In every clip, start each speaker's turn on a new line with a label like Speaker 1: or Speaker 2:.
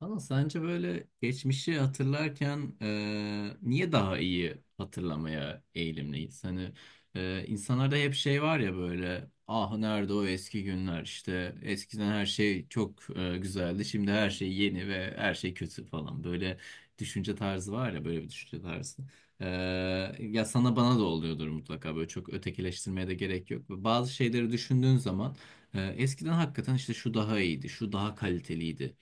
Speaker 1: Ama sence böyle geçmişi hatırlarken niye daha iyi hatırlamaya eğilimliyiz? Hani insanlarda hep şey var ya böyle ah nerede o eski günler işte eskiden her şey çok güzeldi, şimdi her şey yeni ve her şey kötü falan böyle düşünce tarzı var ya böyle bir düşünce tarzı. E, Ya sana bana da oluyordur mutlaka, böyle çok ötekileştirmeye de gerek yok. Bazı şeyleri düşündüğün zaman eskiden hakikaten işte şu daha iyiydi, şu daha kaliteliydi,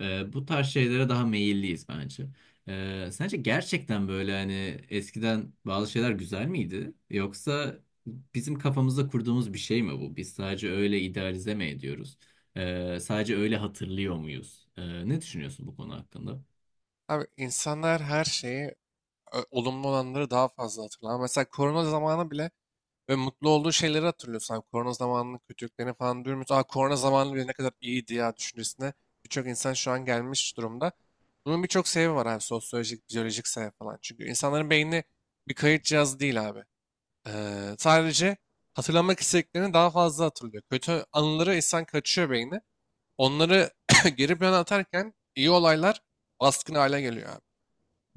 Speaker 1: bu tarz şeylere daha meyilliyiz bence. Sence gerçekten böyle hani eskiden bazı şeyler güzel miydi? Yoksa bizim kafamızda kurduğumuz bir şey mi bu? Biz sadece öyle idealize mi ediyoruz? Sadece öyle hatırlıyor muyuz? Ne düşünüyorsun bu konu hakkında?
Speaker 2: Abi insanlar her şeyi, olumlu olanları daha fazla hatırlar. Mesela korona zamanı bile ve mutlu olduğu şeyleri hatırlıyorsun. Abi, korona zamanının kötülüklerini falan duymuyoruz. Aa, korona zamanı bile ne kadar iyiydi ya düşüncesine birçok insan şu an gelmiş durumda. Bunun birçok sebebi var abi. Sosyolojik, biyolojik sebebi falan. Çünkü insanların beyni bir kayıt cihazı değil abi. Sadece hatırlamak istediklerini daha fazla hatırlıyor. Kötü anıları insan kaçıyor beyni. Onları geri plana atarken iyi olaylar baskın hale geliyor abi.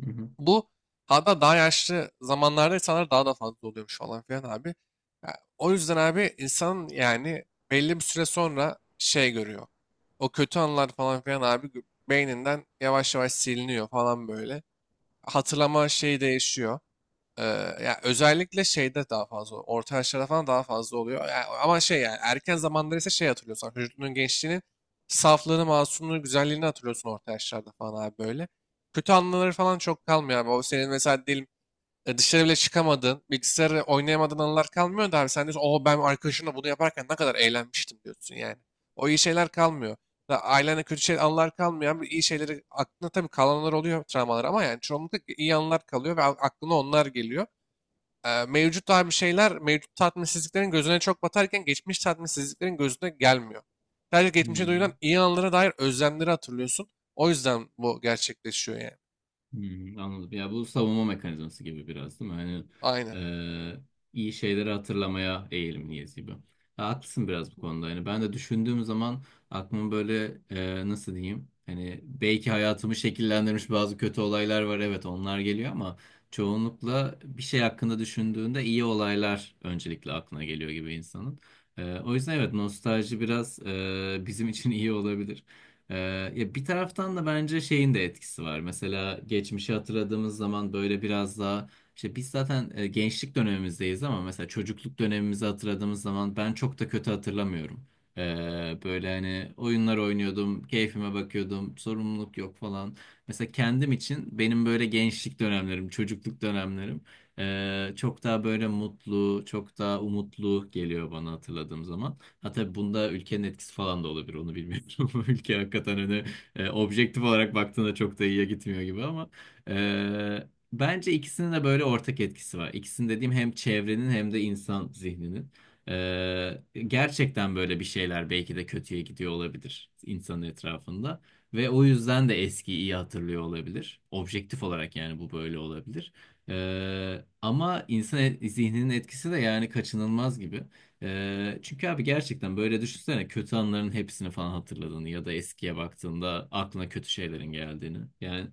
Speaker 1: Hı hı.
Speaker 2: Bu hatta daha yaşlı zamanlarda insanlar daha da fazla oluyormuş falan filan abi. Ya, o yüzden abi insan yani belli bir süre sonra şey görüyor. O kötü anılar falan filan abi beyninden yavaş yavaş siliniyor falan böyle. Hatırlama şeyi değişiyor. Ee, Ya özellikle şeyde daha fazla, orta yaşlarda falan daha fazla oluyor. Ya ama şey yani erken zamanlar ise şey hatırlıyorsun. Vücudunun gençliğini, saflığını, masumluğunu, güzelliğini hatırlıyorsun orta yaşlarda falan abi böyle. Kötü anıları falan çok kalmıyor abi. O senin mesela diyelim dışarı bile çıkamadığın, bilgisayarı oynayamadığın anılar kalmıyor da abi sen diyorsun o ben arkadaşımla bunu yaparken ne kadar eğlenmiştim diyorsun yani. O iyi şeyler kalmıyor. Da ailenle kötü şey anılar kalmıyor ama iyi şeyleri aklına tabii kalanlar oluyor travmalar ama yani çoğunlukla iyi anılar kalıyor ve aklına onlar geliyor mevcut olan bir şeyler mevcut tatminsizliklerin gözüne çok batarken geçmiş tatminsizliklerin gözüne gelmiyor. Sadece geçmişe
Speaker 1: Hmm.
Speaker 2: duyulan iyi anlara dair özlemleri hatırlıyorsun. O yüzden bu gerçekleşiyor yani.
Speaker 1: Hmm, anladım. Ya bu savunma mekanizması gibi biraz değil mi? Hani
Speaker 2: Aynen.
Speaker 1: e, iyi şeyleri hatırlamaya eğilimliyiz gibi. Ha, haklısın biraz bu konuda. Yani ben de düşündüğüm zaman aklım böyle nasıl diyeyim? Hani belki hayatımı şekillendirmiş bazı kötü olaylar var. Evet, onlar geliyor ama çoğunlukla bir şey hakkında düşündüğünde iyi olaylar öncelikle aklına geliyor gibi insanın. O yüzden evet, nostalji biraz bizim için iyi olabilir. Ee, Ya bir taraftan da bence şeyin de etkisi var. Mesela geçmişi hatırladığımız zaman böyle biraz daha işte biz zaten gençlik dönemimizdeyiz ama mesela çocukluk dönemimizi hatırladığımız zaman ben çok da kötü hatırlamıyorum. Böyle hani oyunlar oynuyordum, keyfime bakıyordum, sorumluluk yok falan. Mesela kendim için benim böyle gençlik dönemlerim, çocukluk dönemlerim çok daha böyle mutlu, çok daha umutlu geliyor bana hatırladığım zaman. Ha tabii bunda ülkenin etkisi falan da olabilir, onu bilmiyorum. Ülke hakikaten hani objektif olarak baktığında çok da iyiye gitmiyor gibi ama e, bence ikisinin de böyle ortak etkisi var. İkisinin dediğim hem çevrenin hem de insan zihninin. Gerçekten böyle bir şeyler belki de kötüye gidiyor olabilir insanın etrafında. Ve o yüzden de eskiyi iyi hatırlıyor olabilir. Objektif olarak yani bu böyle olabilir. Ama insan zihninin etkisi de yani kaçınılmaz gibi. Çünkü abi gerçekten böyle düşünsene, kötü anların hepsini falan hatırladığını ya da eskiye baktığında aklına kötü şeylerin geldiğini. Yani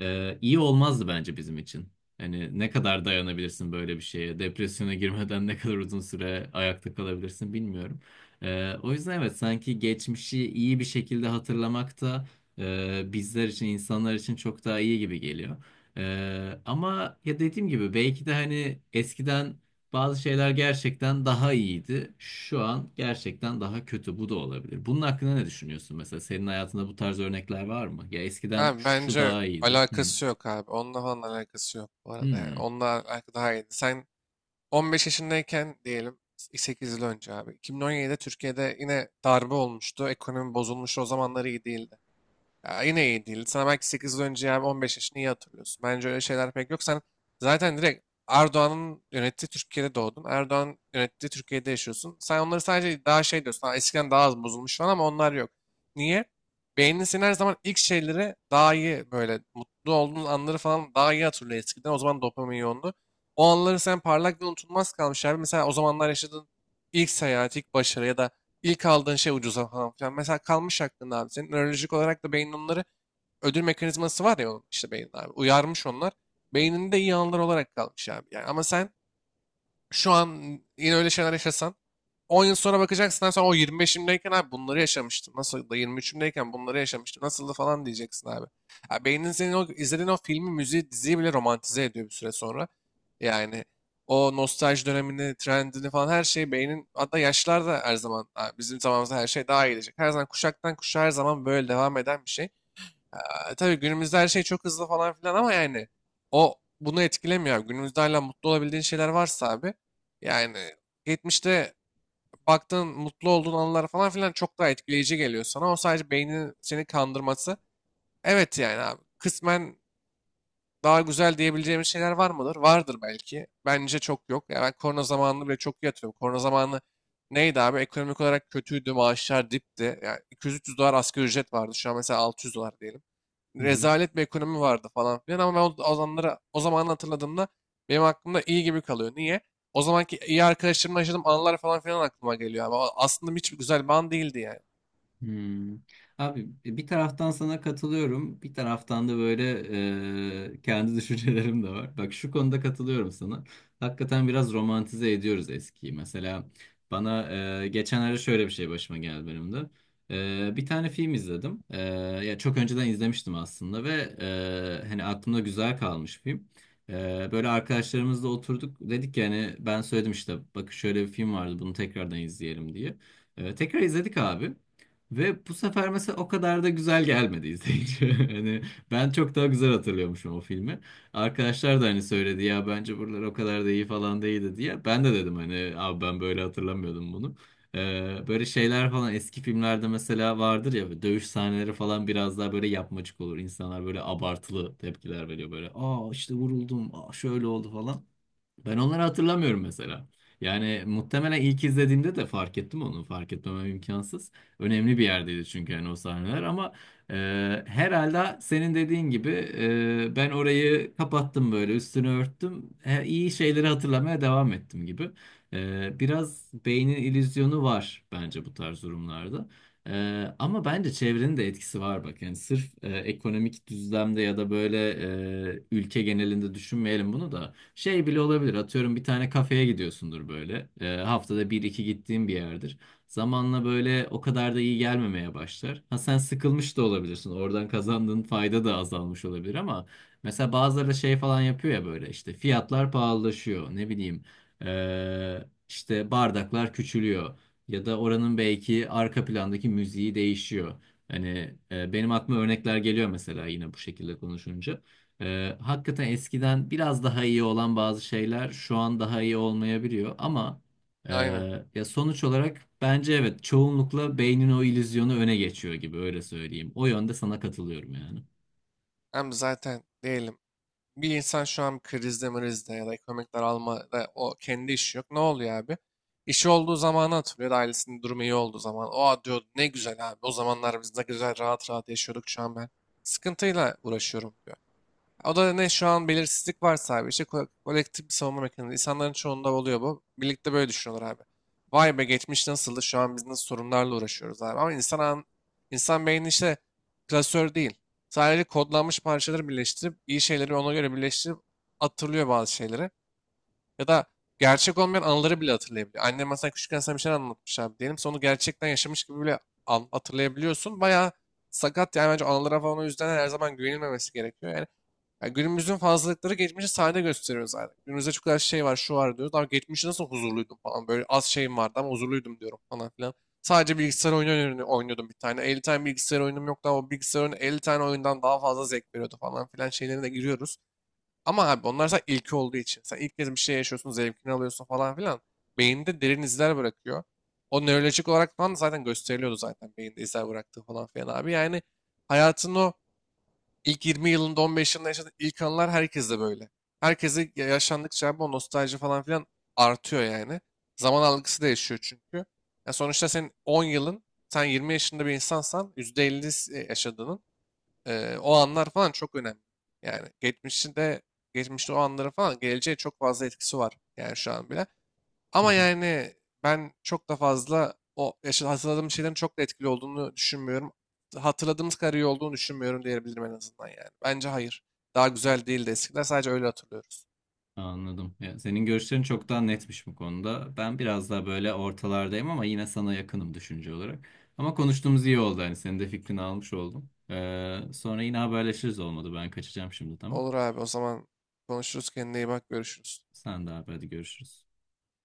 Speaker 1: iyi olmazdı bence bizim için. Hani ne kadar dayanabilirsin böyle bir şeye? Depresyona girmeden ne kadar uzun süre ayakta kalabilirsin bilmiyorum. O yüzden evet, sanki geçmişi iyi bir şekilde hatırlamak da bizler için, insanlar için çok daha iyi gibi geliyor. Ama ya dediğim gibi belki de hani eskiden bazı şeyler gerçekten daha iyiydi. Şu an gerçekten daha kötü. Bu da olabilir. Bunun hakkında ne düşünüyorsun mesela? Senin hayatında bu tarz örnekler var mı? Ya eskiden
Speaker 2: Abi
Speaker 1: şu
Speaker 2: bence
Speaker 1: daha iyiydi. Hmm.
Speaker 2: alakası yok abi. Onunla falan alakası yok bu arada yani. Onunla alakası daha iyiydi. Sen 15 yaşındayken diyelim 8 yıl önce abi. 2017'de Türkiye'de yine darbe olmuştu. Ekonomi bozulmuştu. O zamanlar iyi değildi. Ya yine iyi değil. Sana belki 8 yıl önce yani 15 yaşını iyi hatırlıyorsun. Bence öyle şeyler pek yok. Sen zaten direkt Erdoğan'ın yönettiği Türkiye'de doğdun. Erdoğan yönettiği Türkiye'de yaşıyorsun. Sen onları sadece daha şey diyorsun. "Ha, eskiden daha az bozulmuş şu an ama onlar yok. Niye? Beynin senin her zaman ilk şeyleri daha iyi böyle mutlu olduğun anları falan daha iyi hatırlıyor eskiden. O zaman dopamin yoğundu. O anları sen parlak ve unutulmaz kalmış abi. Mesela o zamanlar yaşadığın ilk seyahat, ilk başarı ya da İlk aldığın şey ucuza falan filan. Mesela kalmış aklında abi senin. Nörolojik olarak da beynin onları ödül mekanizması var ya onun işte beynin abi. Uyarmış onlar. Beyninde iyi anılar olarak kalmış abi. Yani ama sen şu an yine öyle şeyler yaşasan 10 yıl sonra bakacaksın abi sen o 25'imdeyken abi bunları yaşamıştım. Nasıl da 23'ümdeyken bunları yaşamıştım. Nasıldı falan diyeceksin abi. Ya beynin senin o izlediğin o filmi, müziği, diziyi bile romantize ediyor bir süre sonra. Yani o nostalji dönemini, trendini falan her şeyi beynin hatta yaşlar da her zaman ha, bizim zamanımızda her şey daha iyi gelecek. Her zaman kuşaktan kuşağa her zaman böyle devam eden bir şey. Tabii günümüzde her şey çok hızlı falan filan ama yani o bunu etkilemiyor. Abi. Günümüzde hala mutlu olabildiğin şeyler varsa abi yani geçmişte baktığın mutlu olduğun anılar falan filan çok daha etkileyici geliyor sana. O sadece beynin seni kandırması. Evet yani abi kısmen daha güzel diyebileceğimiz şeyler var mıdır? Vardır belki. Bence çok yok. Ya ben korona zamanını bile çok iyi hatırlıyorum. Korona zamanı neydi abi? Ekonomik olarak kötüydü, maaşlar dipti. Yani 200-300 dolar asgari ücret vardı. Şu an mesela 600 dolar diyelim
Speaker 1: Hmm.
Speaker 2: rezalet bir ekonomi vardı falan filan ama ben o zamanları o zaman hatırladığımda benim aklımda iyi gibi kalıyor. Niye? O zamanki iyi arkadaşlarımla yaşadığım anılar falan filan aklıma geliyor ama aslında hiç güzel bir an değildi yani.
Speaker 1: Hmm. Abi bir taraftan sana katılıyorum, bir taraftan da böyle kendi düşüncelerim de var. Bak şu konuda katılıyorum sana. Hakikaten biraz romantize ediyoruz eskiyi. Mesela bana geçenlerde şöyle bir şey başıma geldi benim de. Bir tane film izledim. Ya çok önceden izlemiştim aslında ve hani aklımda güzel kalmış film. Böyle arkadaşlarımızla oturduk, dedik yani ben söyledim işte bakın şöyle bir film vardı, bunu tekrardan izleyelim diye. Tekrar izledik abi. Ve bu sefer mesela o kadar da güzel gelmedi izleyici. Hani ben çok daha güzel hatırlıyormuşum o filmi. Arkadaşlar da hani söyledi ya bence buralar o kadar da iyi falan değildi diye. Ben de dedim hani abi ben böyle hatırlamıyordum bunu. Böyle şeyler falan eski filmlerde mesela vardır ya, böyle dövüş sahneleri falan biraz daha böyle yapmacık olur. İnsanlar böyle abartılı tepkiler veriyor böyle. Aa işte vuruldum, aa şöyle oldu falan. Ben onları hatırlamıyorum mesela. Yani muhtemelen ilk izlediğimde de fark ettim onu. Fark etmemem imkansız. Önemli bir yerdeydi çünkü yani o sahneler ama e, herhalde senin dediğin gibi ben orayı kapattım, böyle üstünü örttüm. He, iyi şeyleri hatırlamaya devam ettim gibi. Biraz beynin illüzyonu var bence bu tarz durumlarda. E, Ama bence çevrenin de etkisi var bak. Yani sırf ekonomik düzlemde ya da böyle ülke genelinde düşünmeyelim bunu da. Şey bile olabilir. Atıyorum bir tane kafeye gidiyorsundur böyle. Haftada bir iki gittiğin bir yerdir. Zamanla böyle o kadar da iyi gelmemeye başlar. Ha sen sıkılmış da olabilirsin. Oradan kazandığın fayda da azalmış olabilir ama mesela bazıları da şey falan yapıyor ya böyle işte fiyatlar pahalılaşıyor. Ne bileyim işte bardaklar küçülüyor. Ya da oranın belki arka plandaki müziği değişiyor. Hani benim aklıma örnekler geliyor mesela yine bu şekilde konuşunca. Hakikaten eskiden biraz daha iyi olan bazı şeyler şu an daha iyi olmayabiliyor ama e,
Speaker 2: Aynen.
Speaker 1: ya sonuç olarak bence evet, çoğunlukla beynin o illüzyonu öne geçiyor gibi, öyle söyleyeyim. O yönde sana katılıyorum yani.
Speaker 2: Hem zaten diyelim bir insan şu an krizde mrizde ya da ekonomik daralmada o kendi işi yok. Ne oluyor abi? İşi olduğu zamanı hatırlıyor da ailesinin durumu iyi olduğu zaman. O diyor ne güzel abi o zamanlar biz ne güzel rahat rahat yaşıyorduk şu an ben sıkıntıyla uğraşıyorum diyor. O da ne şu an belirsizlik var abi. İşte kolektif bir savunma mekanizması. İnsanların çoğunda oluyor bu. Birlikte böyle düşünüyorlar abi. Vay be geçmiş nasıldı? Şu an biz nasıl sorunlarla uğraşıyoruz abi. Ama insan beyni işte klasör değil. Sadece kodlanmış parçaları birleştirip iyi şeyleri ona göre birleştirip hatırlıyor bazı şeyleri. Ya da gerçek olmayan anıları bile hatırlayabiliyor. Annem mesela küçükken sana bir şey anlatmış abi diyelim. Sonra onu gerçekten yaşamış gibi bile hatırlayabiliyorsun. Bayağı sakat yani bence anılara falan o yüzden her zaman güvenilmemesi gerekiyor. Yani günümüzün fazlalıkları geçmişi sahne gösteriyor zaten. Günümüzde çok kadar şey var, şu var diyoruz. Ama geçmişte nasıl huzurluydum falan. Böyle az şeyim vardı ama huzurluydum diyorum falan filan. Sadece bilgisayar oyunu oynuyordum bir tane. 50 tane bilgisayar oyunum yoktu ama bilgisayar oyunu 50 tane oyundan daha fazla zevk veriyordu falan filan şeylerine de giriyoruz. Ama abi onlar sen ilki olduğu için. Sen ilk kez bir şey yaşıyorsun, zevkini alıyorsun falan filan. Beyinde derin izler bırakıyor. O nörolojik olarak falan da zaten gösteriliyordu zaten beyinde izler bıraktığı falan filan abi. Yani hayatın o İlk 20 yılında 15 yılında yaşadığın ilk anılar herkeste böyle. Herkese yaşandıkça abi o nostalji falan filan artıyor yani. Zaman algısı değişiyor çünkü. Ya sonuçta senin 10 yılın, sen 20 yaşında bir insansan %50 yaşadığının o anlar falan çok önemli. Yani geçmişte o anları falan geleceğe çok fazla etkisi var yani şu an bile.
Speaker 1: Hı
Speaker 2: Ama
Speaker 1: hı.
Speaker 2: yani ben çok da fazla o hatırladığım şeylerin çok da etkili olduğunu düşünmüyorum. Hatırladığımız kadar iyi olduğunu düşünmüyorum diyebilirim en azından yani. Bence hayır. Daha güzel değildi eskiler. Sadece öyle hatırlıyoruz.
Speaker 1: Anladım. Ya senin görüşlerin çok daha netmiş bu konuda. Ben biraz daha böyle ortalardayım ama yine sana yakınım düşünce olarak. Ama konuştuğumuz iyi oldu, hani senin de fikrini almış oldum. Sonra yine haberleşiriz, olmadı. Ben kaçacağım şimdi, tamam.
Speaker 2: Olur abi o zaman konuşuruz. Kendine iyi bak. Görüşürüz.
Speaker 1: Sen de abi, hadi görüşürüz.